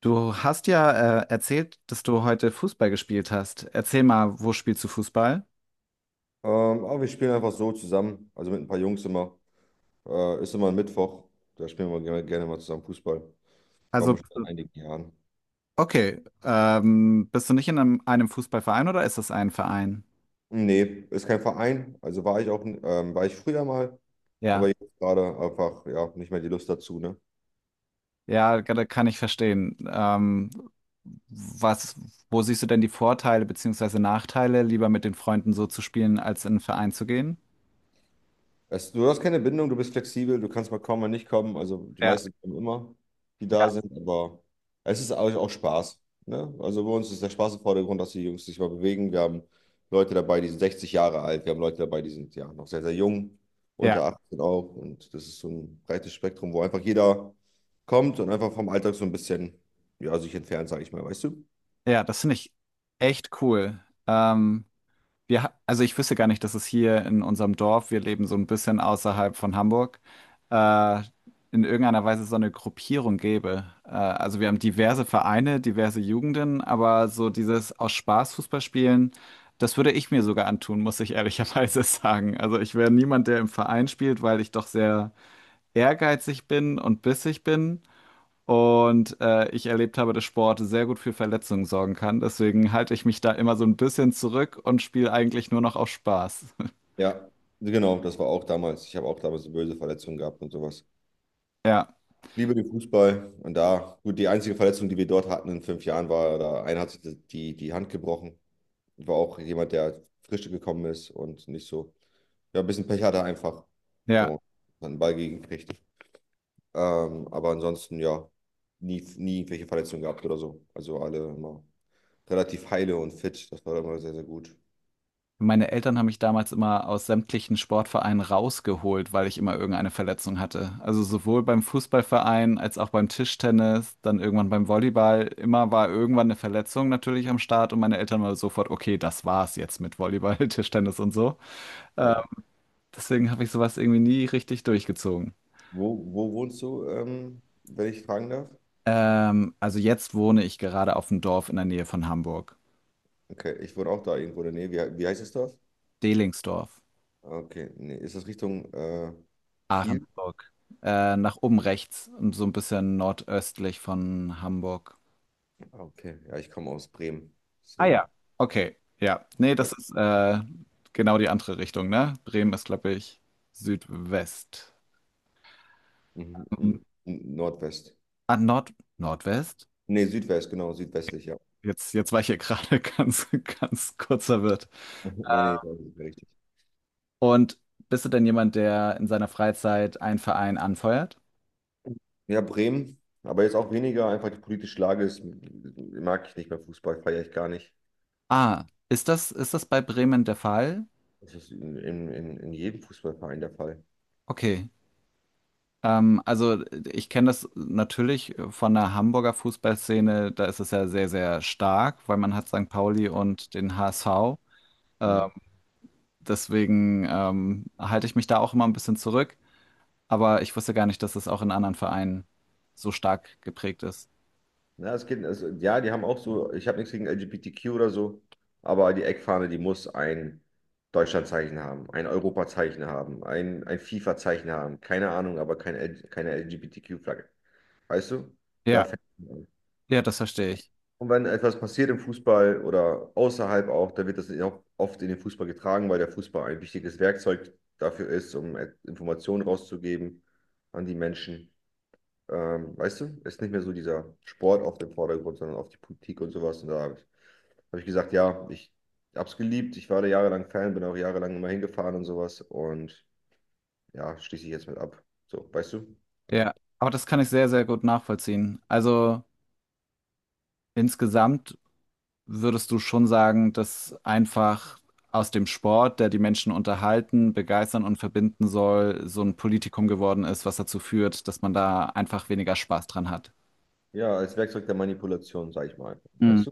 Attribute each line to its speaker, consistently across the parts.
Speaker 1: Du hast ja erzählt, dass du heute Fußball gespielt hast. Erzähl mal, wo spielst du Fußball?
Speaker 2: Aber wir spielen einfach so zusammen, also mit ein paar Jungs immer. Ist immer ein Mittwoch, da spielen wir gerne, gerne mal zusammen Fußball. Waren wir
Speaker 1: Also,
Speaker 2: schon seit einigen Jahren.
Speaker 1: okay, bist du nicht in einem Fußballverein oder ist das ein Verein?
Speaker 2: Nee, ist kein Verein, also war ich auch, war ich früher mal,
Speaker 1: Ja,
Speaker 2: aber jetzt gerade einfach, ja, nicht mehr die Lust dazu, ne?
Speaker 1: ja, da kann ich verstehen. Was, wo siehst du denn die Vorteile beziehungsweise Nachteile, lieber mit den Freunden so zu spielen, als in einen Verein zu gehen?
Speaker 2: Du hast keine Bindung, du bist flexibel, du kannst mal kommen, mal nicht kommen. Also die
Speaker 1: Ja,
Speaker 2: meisten kommen immer, die
Speaker 1: ja,
Speaker 2: da sind, aber es ist auch Spaß. Ne? Also bei uns ist der Spaß im Vordergrund, dass die Jungs sich mal bewegen. Wir haben Leute dabei, die sind 60 Jahre alt, wir haben Leute dabei, die sind ja noch sehr, sehr jung,
Speaker 1: ja,
Speaker 2: unter 18 auch. Und das ist so ein breites Spektrum, wo einfach jeder kommt und einfach vom Alltag so ein bisschen, ja, sich entfernt, sage ich mal, weißt du?
Speaker 1: ja, das finde ich echt cool. Ähm, also ich wüsste gar nicht, dass es hier in unserem Dorf, wir leben so ein bisschen außerhalb von Hamburg, äh, in irgendeiner Weise so eine Gruppierung gäbe. Also wir haben diverse Vereine, diverse Jugenden, aber so dieses aus Spaß Fußball spielen, das würde ich mir sogar antun, muss ich ehrlicherweise sagen. Also ich wäre niemand, der im Verein spielt, weil ich doch sehr ehrgeizig bin und bissig bin. Und ich erlebt habe, dass Sport sehr gut für Verletzungen sorgen kann. Deswegen halte ich mich da immer so ein bisschen zurück und spiele eigentlich nur noch auf Spaß.
Speaker 2: Ja, genau, das war auch damals. Ich habe auch damals eine böse Verletzung gehabt und sowas.
Speaker 1: Ja,
Speaker 2: Liebe den Fußball und da, gut, die einzige Verletzung, die wir dort hatten in 5 Jahren, war, da einer hat sich die Hand gebrochen. War auch jemand, der frisch gekommen ist und nicht so, ja, ein bisschen Pech hatte einfach
Speaker 1: ja.
Speaker 2: und hat einen Ball gekriegt. Aber ansonsten, ja, nie, nie irgendwelche Verletzungen gehabt oder so. Also alle immer relativ heile und fit. Das war immer sehr, sehr gut.
Speaker 1: Meine Eltern haben mich damals immer aus sämtlichen Sportvereinen rausgeholt, weil ich immer irgendeine Verletzung hatte. Also sowohl beim Fußballverein als auch beim Tischtennis, dann irgendwann beim Volleyball. Immer war irgendwann eine Verletzung natürlich am Start und meine Eltern waren sofort, okay, das war's jetzt mit Volleyball, Tischtennis und so.
Speaker 2: Ja.
Speaker 1: Deswegen habe ich sowas irgendwie nie richtig durchgezogen.
Speaker 2: Wo, wo wohnst du, wenn ich fragen darf?
Speaker 1: Also jetzt wohne ich gerade auf dem Dorf in der Nähe von Hamburg.
Speaker 2: Okay, ich wohne auch da irgendwo in der Nähe. Wie heißt das Dorf?
Speaker 1: Delingsdorf,
Speaker 2: Okay, nee, ist das Richtung Kiel?
Speaker 1: Ahrensburg. Nach oben rechts, und so ein bisschen nordöstlich von Hamburg.
Speaker 2: Ah, okay. Ja, ich komme aus Bremen.
Speaker 1: Ah ja.
Speaker 2: Deswegen.
Speaker 1: Okay, ja. Nee,
Speaker 2: äh,
Speaker 1: das ist genau die andere Richtung, ne? Bremen ist, glaube ich, Südwest.
Speaker 2: Mhm.
Speaker 1: Mhm.
Speaker 2: Nordwest.
Speaker 1: Ah, Nord Nordwest?
Speaker 2: Nee, Südwest, genau, südwestlich, ja.
Speaker 1: Jetzt war ich hier gerade ganz, ganz kurz verwirrt.
Speaker 2: Nee, nee, das ist richtig.
Speaker 1: Und bist du denn jemand, der in seiner Freizeit einen Verein anfeuert?
Speaker 2: Ja, Bremen, aber jetzt auch weniger, einfach die politische Lage ist, mag ich nicht mehr Fußball, feiere ich gar nicht.
Speaker 1: Ah, ist das bei Bremen der Fall?
Speaker 2: Das ist in jedem Fußballverein der Fall.
Speaker 1: Okay. Also ich kenne das natürlich von der Hamburger Fußballszene, da ist es ja sehr, sehr stark, weil man hat St. Pauli und den HSV. Ähm,
Speaker 2: Mhm.
Speaker 1: deswegen halte ich mich da auch immer ein bisschen zurück. Aber ich wusste gar nicht, dass es auch in anderen Vereinen so stark geprägt ist.
Speaker 2: Na, es geht, es, ja, die haben auch so, ich habe nichts gegen LGBTQ oder so, aber die Eckfahne, die muss ein Deutschlandzeichen haben, ein Europazeichen haben, ein FIFA-Zeichen haben, keine Ahnung, aber keine LGBTQ-Flagge. Weißt du? Da
Speaker 1: Ja,
Speaker 2: fängt an.
Speaker 1: ja, das verstehe ich.
Speaker 2: Und wenn etwas passiert im Fußball oder außerhalb auch, dann wird das auch oft in den Fußball getragen, weil der Fußball ein wichtiges Werkzeug dafür ist, um Informationen rauszugeben an die Menschen. Weißt du, ist nicht mehr so dieser Sport auf dem Vordergrund, sondern auf die Politik und sowas. Und da habe ich, hab ich gesagt, ja, ich habe es geliebt. Ich war da jahrelang Fan, bin auch jahrelang immer hingefahren und sowas. Und ja, schließe ich jetzt mit ab. So, weißt du?
Speaker 1: Ja, aber das kann ich sehr, sehr gut nachvollziehen. Also insgesamt würdest du schon sagen, dass einfach aus dem Sport, der die Menschen unterhalten, begeistern und verbinden soll, so ein Politikum geworden ist, was dazu führt, dass man da einfach weniger Spaß dran hat?
Speaker 2: Ja, als Werkzeug der Manipulation, sag ich mal.
Speaker 1: Mhm.
Speaker 2: Weißt du?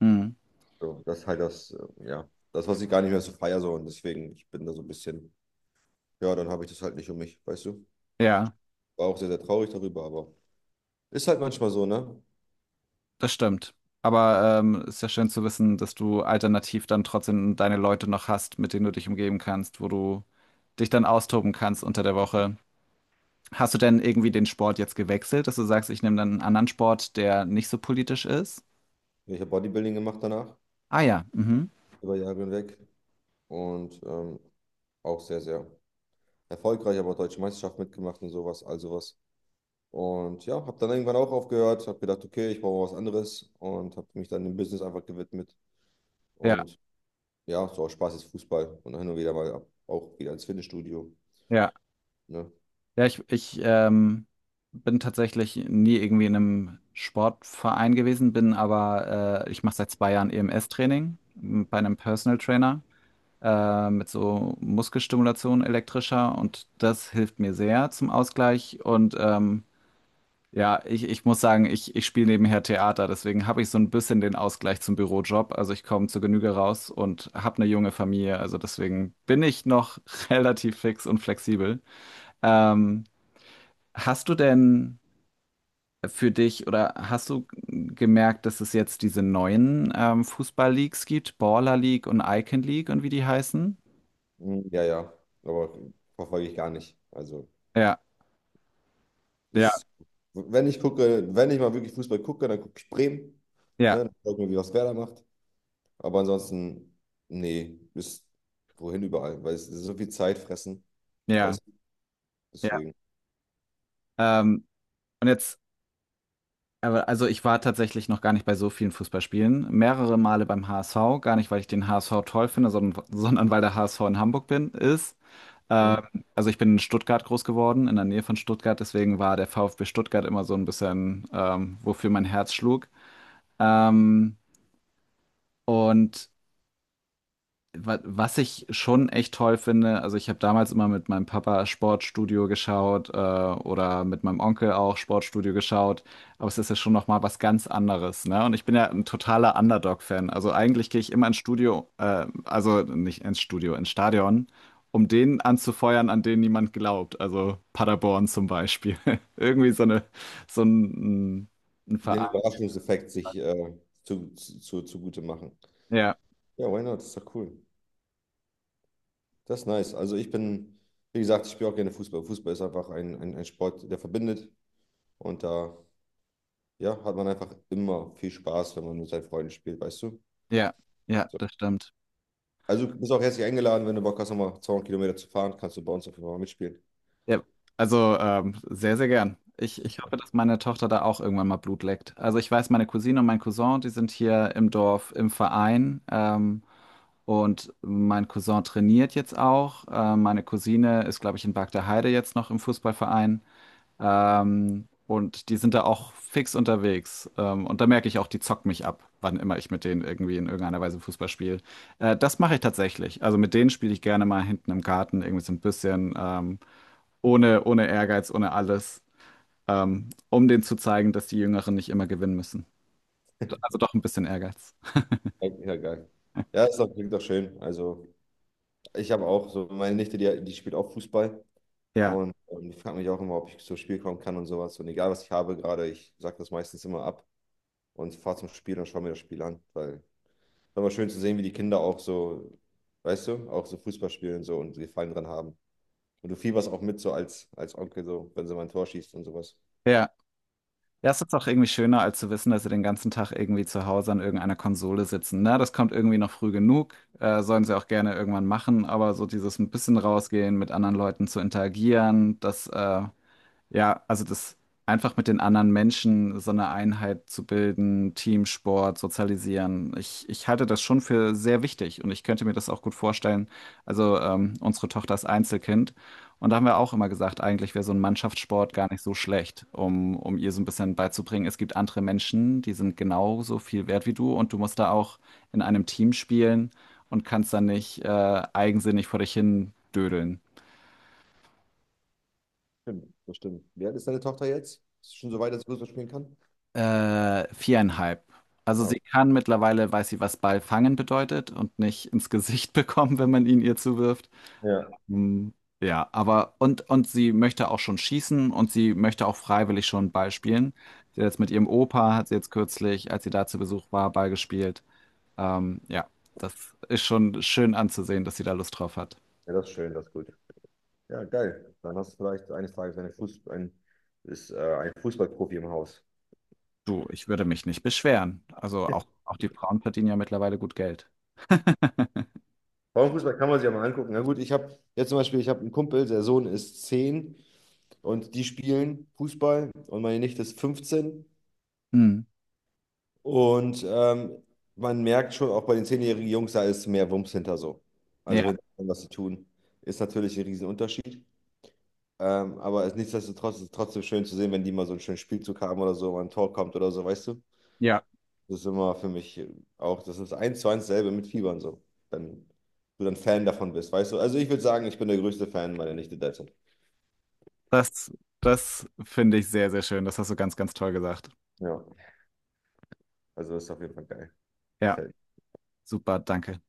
Speaker 1: Mhm.
Speaker 2: So, das ist halt das, ja, das, was ich gar nicht mehr so feier, so. Und deswegen, ich bin da so ein bisschen, ja, dann habe ich das halt nicht um mich, weißt du?
Speaker 1: Ja,
Speaker 2: War auch sehr, sehr traurig darüber, aber ist halt manchmal so, ne?
Speaker 1: das stimmt. Aber ist ja schön zu wissen, dass du alternativ dann trotzdem deine Leute noch hast, mit denen du dich umgeben kannst, wo du dich dann austoben kannst unter der Woche. Hast du denn irgendwie den Sport jetzt gewechselt, dass du sagst, ich nehme dann einen anderen Sport, der nicht so politisch ist?
Speaker 2: Ich habe Bodybuilding gemacht danach,
Speaker 1: Ah ja, mhm.
Speaker 2: über Jahre hinweg. Und auch sehr, sehr erfolgreich, aber Deutsche Meisterschaft mitgemacht und sowas, all sowas. Und ja, habe dann irgendwann auch aufgehört, habe gedacht, okay, ich brauche was anderes und habe mich dann dem Business einfach gewidmet.
Speaker 1: Ja,
Speaker 2: Und ja, so aus Spaß ist Fußball und hin und wieder mal ab, auch wieder ins Fitnessstudio.
Speaker 1: ja.
Speaker 2: Ne?
Speaker 1: Ja, ich bin tatsächlich nie irgendwie in einem Sportverein gewesen, bin aber, ich mache seit zwei Jahren EMS-Training bei einem Personal Trainer mit so Muskelstimulation elektrischer und das hilft mir sehr zum Ausgleich. Und ja, ich muss sagen, ich spiele nebenher Theater, deswegen habe ich so ein bisschen den Ausgleich zum Bürojob. Also ich komme zur Genüge raus und habe eine junge Familie, also deswegen bin ich noch relativ fix und flexibel. Ähm, Hast du denn für dich oder hast du gemerkt, dass es jetzt diese neuen Fußball-Leagues gibt, Baller League und Icon League und wie die heißen?
Speaker 2: Mm, ja, ja, aber verfolge ich gar nicht. Also,
Speaker 1: Ja, ja,
Speaker 2: ist, wenn ich gucke, wenn ich mal wirklich Fußball gucke, dann gucke ich Bremen.
Speaker 1: ja,
Speaker 2: Ne? Dann gucke ich mir, wie was Werder macht. Aber ansonsten, nee, bis wohin überall, weil es so viel Zeit fressen.
Speaker 1: ja,
Speaker 2: Weißt.
Speaker 1: ja.
Speaker 2: Deswegen.
Speaker 1: Ähm, und jetzt, aber also ich war tatsächlich noch gar nicht bei so vielen Fußballspielen, mehrere Male beim HSV, gar nicht, weil ich den HSV toll finde, sondern, sondern weil der HSV in Hamburg bin, ist. Ähm,
Speaker 2: Hm?
Speaker 1: also ich bin in Stuttgart groß geworden, in der Nähe von Stuttgart, deswegen war der VfB Stuttgart immer so ein bisschen, wofür mein Herz schlug. Ähm, und wa was ich schon echt toll finde, also ich habe damals immer mit meinem Papa Sportstudio geschaut, oder mit meinem Onkel auch Sportstudio geschaut, aber es ist ja schon noch mal was ganz anderes, ne? Und ich bin ja ein totaler Underdog-Fan. Also eigentlich gehe ich immer ins Studio, also nicht ins Studio, ins Stadion, um den anzufeuern, an den niemand glaubt. Also Paderborn zum Beispiel. Irgendwie so ein, ein
Speaker 2: Den
Speaker 1: Verein.
Speaker 2: Überraschungseffekt sich zugute machen.
Speaker 1: Ja,
Speaker 2: Ja, why not? Ist doch cool. Das ist nice. Also ich bin, wie gesagt, ich spiele auch gerne Fußball. Fußball ist einfach ein Sport, der verbindet. Und da, ja, hat man einfach immer viel Spaß, wenn man mit seinen Freunden spielt, weißt du?
Speaker 1: ja, ja,
Speaker 2: So.
Speaker 1: das stimmt.
Speaker 2: Also du bist auch herzlich eingeladen, wenn du Bock hast, nochmal 200 Kilometer zu fahren, kannst du bei uns auf jeden Fall mal mitspielen.
Speaker 1: Ja, also sehr, sehr gern. Ich hoffe, dass meine Tochter da auch irgendwann mal Blut leckt. Also ich weiß, meine Cousine und mein Cousin, die sind hier im Dorf im Verein. Und mein Cousin trainiert jetzt auch. Meine Cousine ist, glaube ich, in Bargteheide jetzt noch im Fußballverein. Und die sind da auch fix unterwegs. Und da merke ich auch, die zocken mich ab, wann immer ich mit denen irgendwie in irgendeiner Weise Fußball spiele. Das mache ich tatsächlich. Also mit denen spiele ich gerne mal hinten im Garten irgendwie so ein bisschen. Ohne Ehrgeiz, ohne alles, um denen zu zeigen, dass die Jüngeren nicht immer gewinnen müssen. Also doch ein bisschen Ehrgeiz.
Speaker 2: Ja, ja, geil. Ja, ist doch, klingt doch schön. Also ich habe auch so, meine Nichte, die spielt auch Fußball.
Speaker 1: Ja,
Speaker 2: Und ich frage mich auch immer, ob ich zum Spiel kommen kann und sowas. Und egal, was ich habe gerade, ich sage das meistens immer ab und fahre zum Spiel und schaue mir das Spiel an. Weil es ist immer schön zu sehen, wie die Kinder auch so, weißt du, auch so Fußball spielen und so und Gefallen dran haben. Und du fieberst auch mit so als Onkel, so, wenn sie mal ein Tor schießt und sowas.
Speaker 1: ja. Ja, es ist auch irgendwie schöner, als zu wissen, dass sie den ganzen Tag irgendwie zu Hause an irgendeiner Konsole sitzen. Na, das kommt irgendwie noch früh genug. Sollen sie auch gerne irgendwann machen, aber so dieses ein bisschen rausgehen, mit anderen Leuten zu interagieren, das ja, also das einfach mit den anderen Menschen so eine Einheit zu bilden, Teamsport, sozialisieren. Ich halte das schon für sehr wichtig und ich könnte mir das auch gut vorstellen. Also unsere Tochter ist Einzelkind und da haben wir auch immer gesagt, eigentlich wäre so ein Mannschaftssport gar nicht so schlecht, um ihr so ein bisschen beizubringen. Es gibt andere Menschen, die sind genauso viel wert wie du und du musst da auch in einem Team spielen und kannst dann nicht eigensinnig vor dich hin dödeln.
Speaker 2: Stimmt, das stimmt. Wie alt ist deine Tochter jetzt? Ist sie schon so weit, dass sie Fußball spielen kann?
Speaker 1: Viereinhalb. Also
Speaker 2: Ja.
Speaker 1: sie kann mittlerweile, weiß sie, was Ball fangen bedeutet und nicht ins Gesicht bekommen, wenn man ihn ihr zuwirft.
Speaker 2: Ja,
Speaker 1: Hm, ja, aber und sie möchte auch schon schießen und sie möchte auch freiwillig schon Ball spielen. Sie hat jetzt mit ihrem Opa, hat sie jetzt kürzlich, als sie da zu Besuch war, Ball gespielt. Ja, das ist schon schön anzusehen, dass sie da Lust drauf hat.
Speaker 2: ja, das ist schön, das ist gut. Ja, geil. Dann hast du vielleicht eines Tages ein Fußballprofi im Haus.
Speaker 1: Du, ich würde mich nicht beschweren. Also auch, auch die Frauen verdienen ja mittlerweile gut Geld.
Speaker 2: Frauenfußball kann man sich ja mal angucken. Na gut, ich habe jetzt zum Beispiel, ich habe einen Kumpel, der Sohn ist 10 und die spielen Fußball und meine Nichte ist 15.
Speaker 1: Hm.
Speaker 2: Und man merkt schon auch bei den 10-jährigen Jungs, da ist mehr Wumms hinter so.
Speaker 1: Ja,
Speaker 2: Also wenn was sie tun, ist natürlich ein Riesenunterschied. Aber es, nichtsdestotrotz ist es trotzdem schön zu sehen, wenn die mal so einen schönen Spielzug haben oder so, mal ein Tor kommt oder so, weißt du?
Speaker 1: ja.
Speaker 2: Das ist immer für mich auch, das ist eins zu eins selbe mit Fiebern so. Wenn du dann Fan davon bist, weißt du? Also ich würde sagen, ich bin der größte Fan meiner Nichte derzeit.
Speaker 1: Das, das finde ich sehr, sehr schön. Das hast du ganz, ganz toll gesagt.
Speaker 2: Ja, also ist auf jeden Fall geil.
Speaker 1: Ja,
Speaker 2: Gefällt mir.
Speaker 1: super, danke.